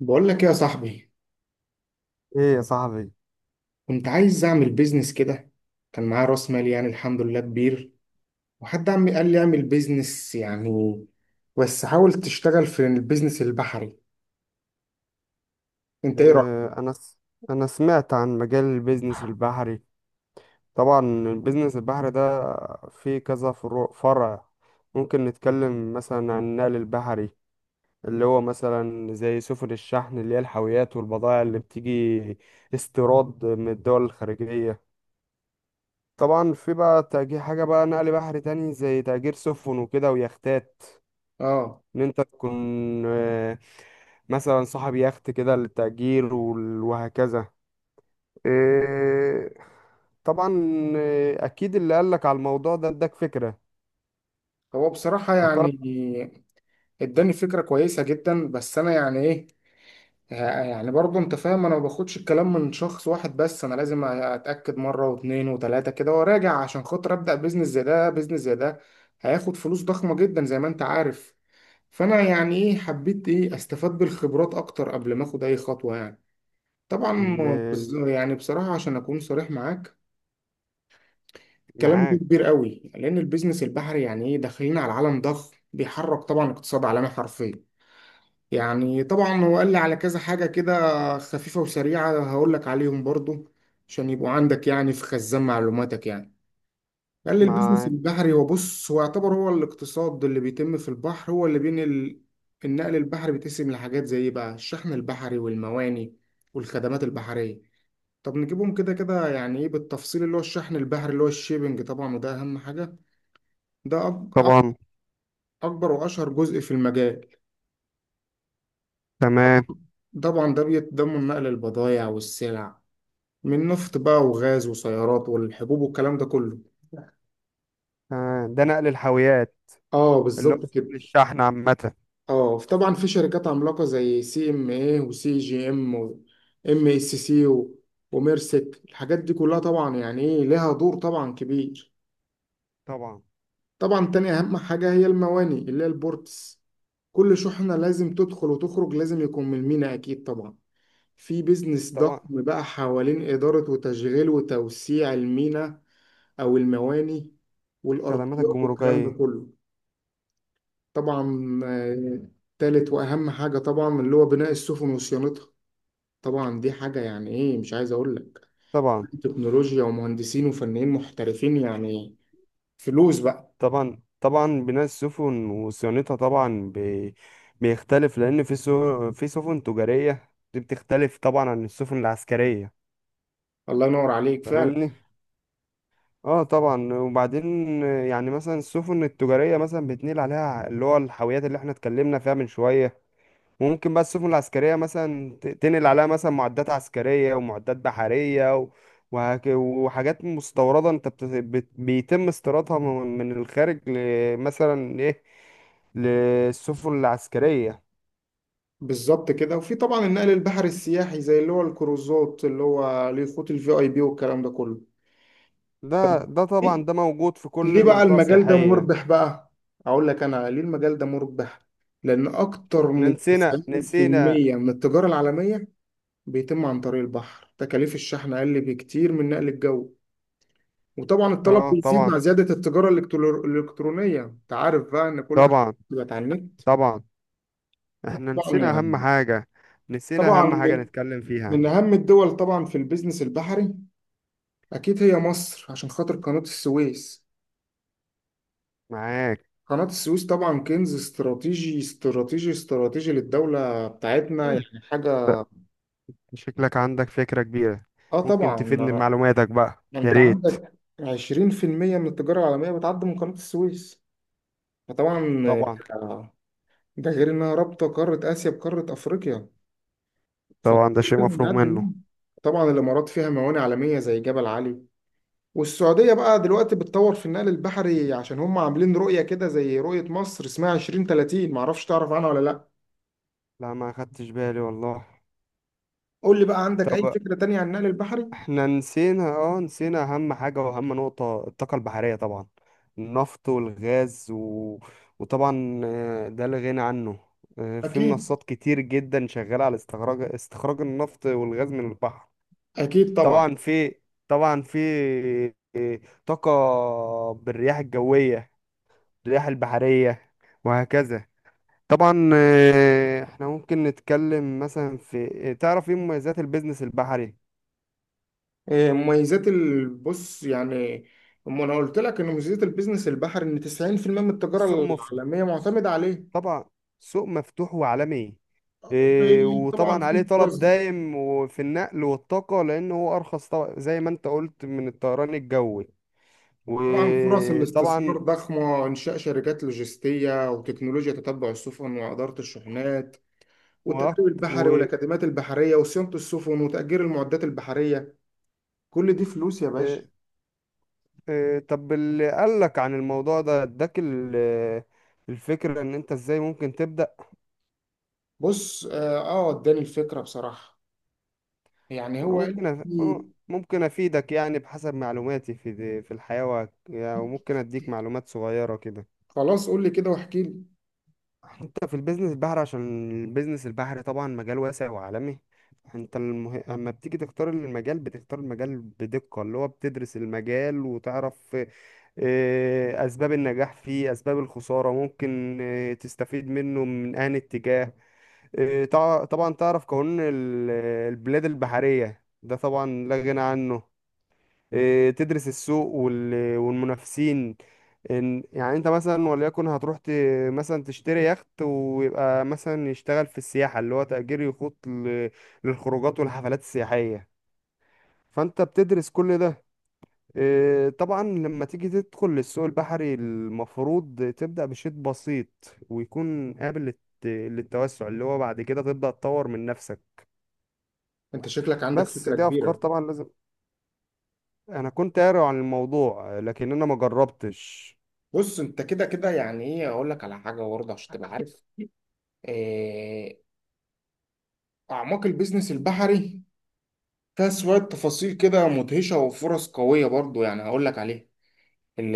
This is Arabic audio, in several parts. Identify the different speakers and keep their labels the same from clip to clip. Speaker 1: بقول لك إيه يا صاحبي؟
Speaker 2: ايه يا صاحبي.
Speaker 1: كنت عايز اعمل بيزنس كده، كان معايا راس مال يعني الحمد لله كبير، وحد عمي قال لي اعمل بيزنس يعني، بس حاول تشتغل في البيزنس البحري. انت ايه رأيك؟
Speaker 2: آه، انا س... انا سمعت عن مجال البيزنس البحري. طبعا البيزنس البحري ده فيه كذا فروع فرع. ممكن نتكلم مثلا عن النقل البحري اللي هو مثلا زي سفن الشحن اللي هي الحاويات والبضائع اللي بتيجي استيراد من الدول الخارجية. طبعا في بقى تأجير حاجة بقى نقل بحري تاني زي تأجير سفن وكده ويختات.
Speaker 1: اه.
Speaker 2: ان انت تكون آه، مثلا صاحب يخت كده للتأجير وهكذا. إيه، طبعا. اكيد اللي قالك على الموضوع ده اداك فكرة.
Speaker 1: هو بصراحة
Speaker 2: قطر
Speaker 1: يعني اداني فكرة كويسة جدا، بس انا يعني ايه، يعني برضه انت فاهم، انا ما باخدش الكلام من شخص واحد بس، انا لازم اتاكد مره واثنين وثلاثه كده وراجع عشان خاطر ابدا بيزنس زي ده. بيزنس زي ده هياخد فلوس ضخمه جدا زي ما انت عارف، فانا يعني ايه حبيت ايه استفاد بالخبرات اكتر قبل ما اخد اي خطوه يعني. طبعا،
Speaker 2: اللي
Speaker 1: يعني بصراحه عشان اكون صريح معاك، الكلام ده كبير
Speaker 2: معاك.
Speaker 1: قوي، لان البيزنس البحري يعني ايه داخلين على عالم ضخم بيحرك طبعا اقتصاد عالمي حرفيا. يعني طبعا هو قال لي على كذا حاجة كده خفيفة وسريعة، هقول لك عليهم برضو عشان يبقوا عندك يعني في خزان معلوماتك يعني. قال لي البيزنس
Speaker 2: معاك
Speaker 1: البحري هو، بص، هو يعتبر هو الاقتصاد اللي بيتم في البحر، هو اللي بين النقل البحري. بيتقسم لحاجات زي إيه بقى: الشحن البحري والمواني والخدمات البحرية. طب نجيبهم كده كده يعني ايه بالتفصيل. اللي هو الشحن البحري اللي هو الشيبنج طبعا، وده اهم حاجة. ده
Speaker 2: طبعا.
Speaker 1: أكبر وأشهر جزء في المجال.
Speaker 2: تمام.
Speaker 1: طبعا ده بيتضمن نقل البضائع والسلع، من نفط بقى وغاز وسيارات والحبوب والكلام ده كله.
Speaker 2: ده نقل الحاويات
Speaker 1: اه
Speaker 2: اللي هو
Speaker 1: بالظبط كده.
Speaker 2: نقل الشحن عامة.
Speaker 1: اه طبعا، في شركات عملاقه زي سي ام اي وسي جي ام وام اس سي وميرسك، الحاجات دي كلها طبعا يعني ايه لها دور طبعا كبير.
Speaker 2: طبعا.
Speaker 1: طبعا تاني اهم حاجه هي المواني اللي هي البورتس، كل شحنه لازم تدخل وتخرج لازم يكون من الميناء اكيد طبعا. في بيزنس
Speaker 2: طبعا
Speaker 1: ضخم بقى حوالين اداره وتشغيل وتوسيع الميناء او المواني
Speaker 2: خدمات
Speaker 1: والارضيات والكلام ده
Speaker 2: الجمركية.
Speaker 1: كله. طبعا آه، تالت واهم حاجه طبعا اللي هو بناء السفن وصيانتها، طبعا دي حاجه يعني ايه مش عايز اقول لك،
Speaker 2: طبعا.
Speaker 1: تكنولوجيا ومهندسين وفنيين محترفين يعني، فلوس بقى.
Speaker 2: طبعا طبعا بناء السفن وصيانتها. بيختلف لأن في سفن تجارية دي بتختلف طبعا عن السفن العسكرية.
Speaker 1: الله ينور عليك فعلا.
Speaker 2: فاهمني. اه طبعا. وبعدين يعني مثلا السفن التجارية مثلا بتنقل عليها اللي هو الحاويات اللي احنا اتكلمنا فيها من شوية. وممكن بقى السفن العسكرية مثلا تنقل عليها مثلا معدات عسكرية ومعدات بحرية وحاجات مستوردة انت بيتم استيرادها من الخارج مثلا ايه، للسفن العسكرية.
Speaker 1: بالظبط كده، وفي طبعا النقل البحري السياحي زي اللي هو الكروزات اللي هو ليه خطوط الفي اي بي والكلام ده كله.
Speaker 2: ده
Speaker 1: ليه؟
Speaker 2: طبعا ده موجود في
Speaker 1: ليه
Speaker 2: كل
Speaker 1: بقى
Speaker 2: منطقة
Speaker 1: المجال ده
Speaker 2: سياحية.
Speaker 1: مربح بقى؟ اقول لك انا ليه المجال ده مربح. لان اكتر
Speaker 2: احنا
Speaker 1: من
Speaker 2: نسينا.
Speaker 1: 90% من التجاره العالميه بيتم عن طريق البحر. تكاليف الشحن أقل بكتير من نقل الجو، وطبعا الطلب
Speaker 2: اه
Speaker 1: بيزيد
Speaker 2: طبعا.
Speaker 1: مع زيادة التجارة الإلكترونية، أنت عارف بقى إن كل حاجة
Speaker 2: طبعا.
Speaker 1: بقت على النت.
Speaker 2: طبعا. احنا
Speaker 1: طبعا
Speaker 2: نسينا اهم
Speaker 1: يعني.
Speaker 2: حاجة. نسينا
Speaker 1: طبعا
Speaker 2: اهم حاجة
Speaker 1: من
Speaker 2: نتكلم فيها.
Speaker 1: أهم الدول طبعا في البيزنس البحري أكيد هي مصر عشان خاطر قناة السويس.
Speaker 2: معاك.
Speaker 1: قناة السويس طبعا كنز استراتيجي استراتيجي استراتيجي للدولة بتاعتنا،
Speaker 2: انت
Speaker 1: يعني حاجة.
Speaker 2: شكلك عندك فكرة كبيرة.
Speaker 1: آه
Speaker 2: ممكن
Speaker 1: طبعا،
Speaker 2: تفيدني
Speaker 1: ما
Speaker 2: بمعلوماتك بقى،
Speaker 1: ما
Speaker 2: يا
Speaker 1: أنت
Speaker 2: ريت.
Speaker 1: عندك 20% من التجارة العالمية بتعدي من قناة السويس. فطبعا،
Speaker 2: طبعا.
Speaker 1: ده غير انها رابطه قاره اسيا بقاره افريقيا، فلازم
Speaker 2: طبعا ده شيء مفروغ
Speaker 1: نقدم
Speaker 2: منه.
Speaker 1: منها. طبعا الامارات فيها موانئ عالميه زي جبل علي، والسعوديه بقى دلوقتي بتطور في النقل البحري عشان هم عاملين رؤيه كده زي رؤيه مصر اسمها 2030، معرفش تعرف عنها ولا لا.
Speaker 2: لا، ما خدتش بالي والله.
Speaker 1: قول لي بقى عندك اي
Speaker 2: طب
Speaker 1: فكره تانية عن النقل البحري.
Speaker 2: احنا نسينا، اه، نسينا اهم حاجة واهم نقطة، الطاقة البحرية طبعا. النفط والغاز وطبعا ده لا غنى عنه. في
Speaker 1: اكيد،
Speaker 2: منصات كتير جدا شغالة على استخراج النفط والغاز من البحر.
Speaker 1: اكيد طبعا.
Speaker 2: طبعا في طبعا في طاقة بالرياح الجوية، الرياح البحرية، وهكذا. طبعا، احنا ممكن نتكلم مثلا في، تعرف ايه مميزات البيزنس البحري؟
Speaker 1: إيه مميزات البص يعني؟ أما انا قلت لك ان مميزات البيزنس البحري ان 90% من
Speaker 2: سوق
Speaker 1: التجاره
Speaker 2: مفتوح.
Speaker 1: العالميه معتمده عليه.
Speaker 2: طبعا سوق مفتوح وعالمي.
Speaker 1: طبعا
Speaker 2: وطبعا عليه
Speaker 1: في
Speaker 2: طلب
Speaker 1: فرص،
Speaker 2: دائم وفي النقل والطاقة، لأنه هو أرخص طبعا زي ما أنت قلت من الطيران الجوي.
Speaker 1: طبعا فرص الاستثمار
Speaker 2: وطبعا
Speaker 1: ضخمة: إنشاء شركات لوجستية، وتكنولوجيا تتبع السفن، وإدارة الشحنات،
Speaker 2: وقت.
Speaker 1: والتدريب البحري، والأكاديميات البحرية، وصيانة السفن، وتأجير المعدات البحرية. كل دي فلوس يا باشا.
Speaker 2: طب اللي قالك عن الموضوع ده اداك الفكرة، ان انت ازاي ممكن تبدأ.
Speaker 1: بص، آه آه، اداني الفكرة بصراحة، يعني
Speaker 2: وانا
Speaker 1: هو قال
Speaker 2: أنا
Speaker 1: لي.
Speaker 2: ممكن افيدك يعني بحسب معلوماتي في في الحياة يعني، وممكن اديك معلومات صغيرة كده.
Speaker 1: خلاص قول لي كده واحكي لي.
Speaker 2: انت في البيزنس البحري، عشان البيزنس البحري طبعا مجال واسع وعالمي. اما بتيجي تختار المجال بتختار المجال بدقة، اللي هو بتدرس المجال وتعرف اسباب النجاح فيه، اسباب الخسارة، ممكن تستفيد منه من انهي اتجاه. طبعا تعرف قانون البلاد البحرية، ده طبعا لا غنى عنه. تدرس السوق والمنافسين. يعني انت مثلا، وليكن هتروح مثلا تشتري يخت ويبقى مثلا يشتغل في السياحة، اللي هو تأجير يخوت للخروجات والحفلات السياحية. فانت بتدرس كل ده. طبعا لما تيجي تدخل للسوق البحري المفروض تبدأ بشيء بسيط ويكون قابل للتوسع، اللي هو بعد كده تبدأ تطور من نفسك.
Speaker 1: أنت شكلك عندك
Speaker 2: بس
Speaker 1: فكرة
Speaker 2: دي افكار،
Speaker 1: كبيرة.
Speaker 2: طبعا لازم، انا كنت قاري عن الموضوع لكن انا ما جربتش.
Speaker 1: بص، أنت كده كده يعني إيه أقول لك على حاجة برضه عشان تبقى عارف. آه. أعماق البيزنس البحري فيها شوية تفاصيل كده مدهشة وفرص قوية برضو، يعني هقول لك عليها. ال-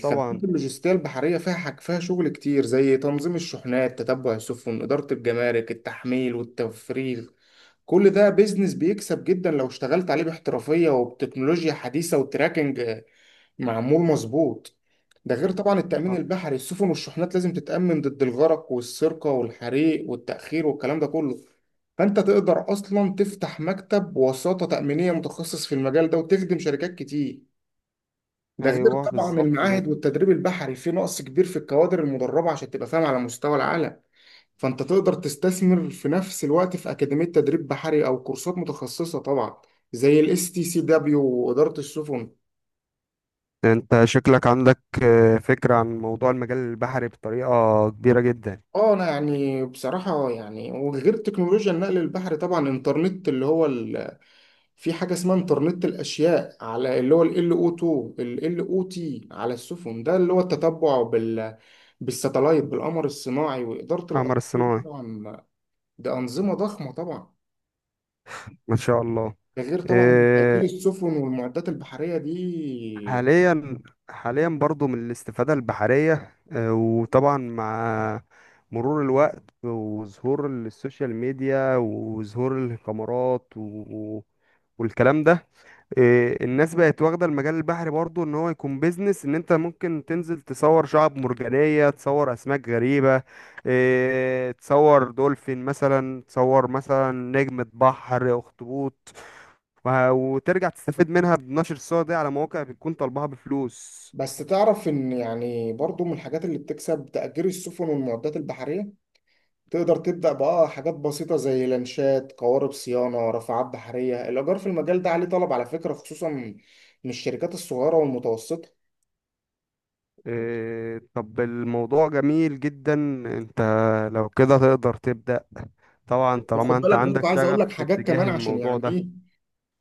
Speaker 2: طبعا.
Speaker 1: اللوجستية البحرية فيها حاج، فيها شغل كتير زي تنظيم الشحنات، تتبع السفن، إدارة الجمارك، التحميل والتفريغ. كل ده بيزنس بيكسب جدا لو اشتغلت عليه باحترافية وبتكنولوجيا حديثة وتراكنج معمول مظبوط. ده غير طبعا التأمين
Speaker 2: آه.
Speaker 1: البحري، السفن والشحنات لازم تتأمن ضد الغرق والسرقة والحريق والتأخير والكلام ده كله. فأنت تقدر أصلا تفتح مكتب وساطة تأمينية متخصص في المجال ده وتخدم شركات كتير. ده غير
Speaker 2: ايوه
Speaker 1: طبعا
Speaker 2: بالظبط كده.
Speaker 1: المعاهد والتدريب البحري، في نقص كبير في الكوادر المدربة عشان تبقى فاهم على مستوى العالم. فأنت تقدر تستثمر في نفس الوقت في أكاديمية تدريب بحري أو كورسات متخصصة طبعا زي الاس تي سي دبليو وإدارة السفن.
Speaker 2: انت شكلك عندك فكرة عن موضوع المجال البحري بطريقة كبيرة جدا.
Speaker 1: اه انا يعني بصراحة يعني، وغير تكنولوجيا النقل البحري طبعا، انترنت اللي هو في حاجة اسمها انترنت الاشياء، على اللي هو ال LO2، ال LOT على السفن، ده اللي هو التتبع بالستلايت بالقمر الصناعي وإدارة
Speaker 2: قمر
Speaker 1: الأساطير
Speaker 2: الصناعي.
Speaker 1: طبعا. ده أنظمة ضخمة طبعا.
Speaker 2: ما شاء الله.
Speaker 1: ده غير طبعا تأثير
Speaker 2: آه،
Speaker 1: السفن والمعدات البحرية دي.
Speaker 2: حاليا. حاليا برضو من الاستفادة البحرية، وطبعا مع مرور الوقت وظهور السوشيال ميديا وظهور الكاميرات والكلام ده. الناس بقت واخدة المجال البحري برضو ان هو يكون بيزنس، ان انت ممكن تنزل تصور شعب مرجانية، تصور اسماك غريبة، تصور دولفين مثلا، تصور مثلا نجمة بحر، اخطبوط. وترجع تستفيد منها بنشر الصور دي على مواقع بتكون طالبها بفلوس.
Speaker 1: بس تعرف إن يعني برضو من الحاجات اللي بتكسب تأجير السفن والمعدات البحرية. تقدر تبدأ بقى حاجات بسيطة زي لانشات، قوارب صيانة، رافعات بحرية. الإيجار في المجال ده عليه طلب على فكرة، خصوصا من الشركات الصغيرة والمتوسطة.
Speaker 2: طب الموضوع جميل جدا. انت لو كده تقدر تبدأ، طبعا طالما
Speaker 1: وخد
Speaker 2: انت
Speaker 1: بالك
Speaker 2: عندك
Speaker 1: برضه، عايز أقول
Speaker 2: شغف
Speaker 1: لك
Speaker 2: في
Speaker 1: حاجات
Speaker 2: اتجاه
Speaker 1: كمان عشان
Speaker 2: الموضوع
Speaker 1: يعني
Speaker 2: ده.
Speaker 1: إيه،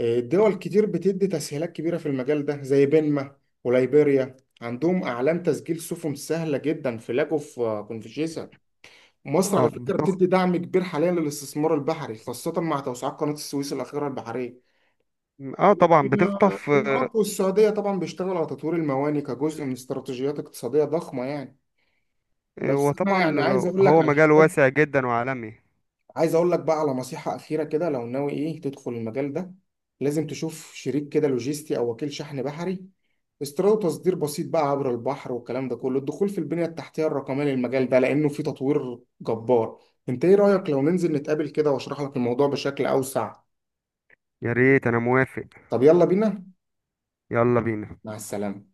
Speaker 1: آه، دول كتير بتدي تسهيلات كبيرة في المجال ده زي بنما وليبيريا، عندهم أعلان تسجيل سفن سهلة جدا في لاجو، في آه، كونفشيسا. مصر
Speaker 2: اه
Speaker 1: على فكرة
Speaker 2: بتخ...
Speaker 1: بتدي دعم كبير حاليا للاستثمار البحري، خاصة مع توسعات قناة السويس الأخيرة البحرية.
Speaker 2: اه طبعا بتخطف.
Speaker 1: الإمارات والسعودية طبعا بيشتغلوا على تطوير المواني كجزء من استراتيجيات اقتصادية ضخمة يعني. بس أنا
Speaker 2: وطبعا
Speaker 1: يعني عايز أقول لك
Speaker 2: هو
Speaker 1: على
Speaker 2: مجال
Speaker 1: حاجات،
Speaker 2: واسع جدا وعالمي.
Speaker 1: عايز أقول لك بقى على نصيحة أخيرة كده لو ناوي إيه تدخل المجال ده. لازم تشوف شريك كده لوجيستي أو وكيل شحن بحري، استيراد وتصدير بسيط بقى عبر البحر والكلام ده كله، الدخول في البنية التحتية الرقمية للمجال ده لأنه فيه تطوير جبار. أنت إيه رأيك لو ننزل نتقابل كده وأشرح لك الموضوع بشكل أوسع؟
Speaker 2: يا ريت، انا موافق.
Speaker 1: طب يلا بينا.
Speaker 2: يلا بينا.
Speaker 1: مع السلامة.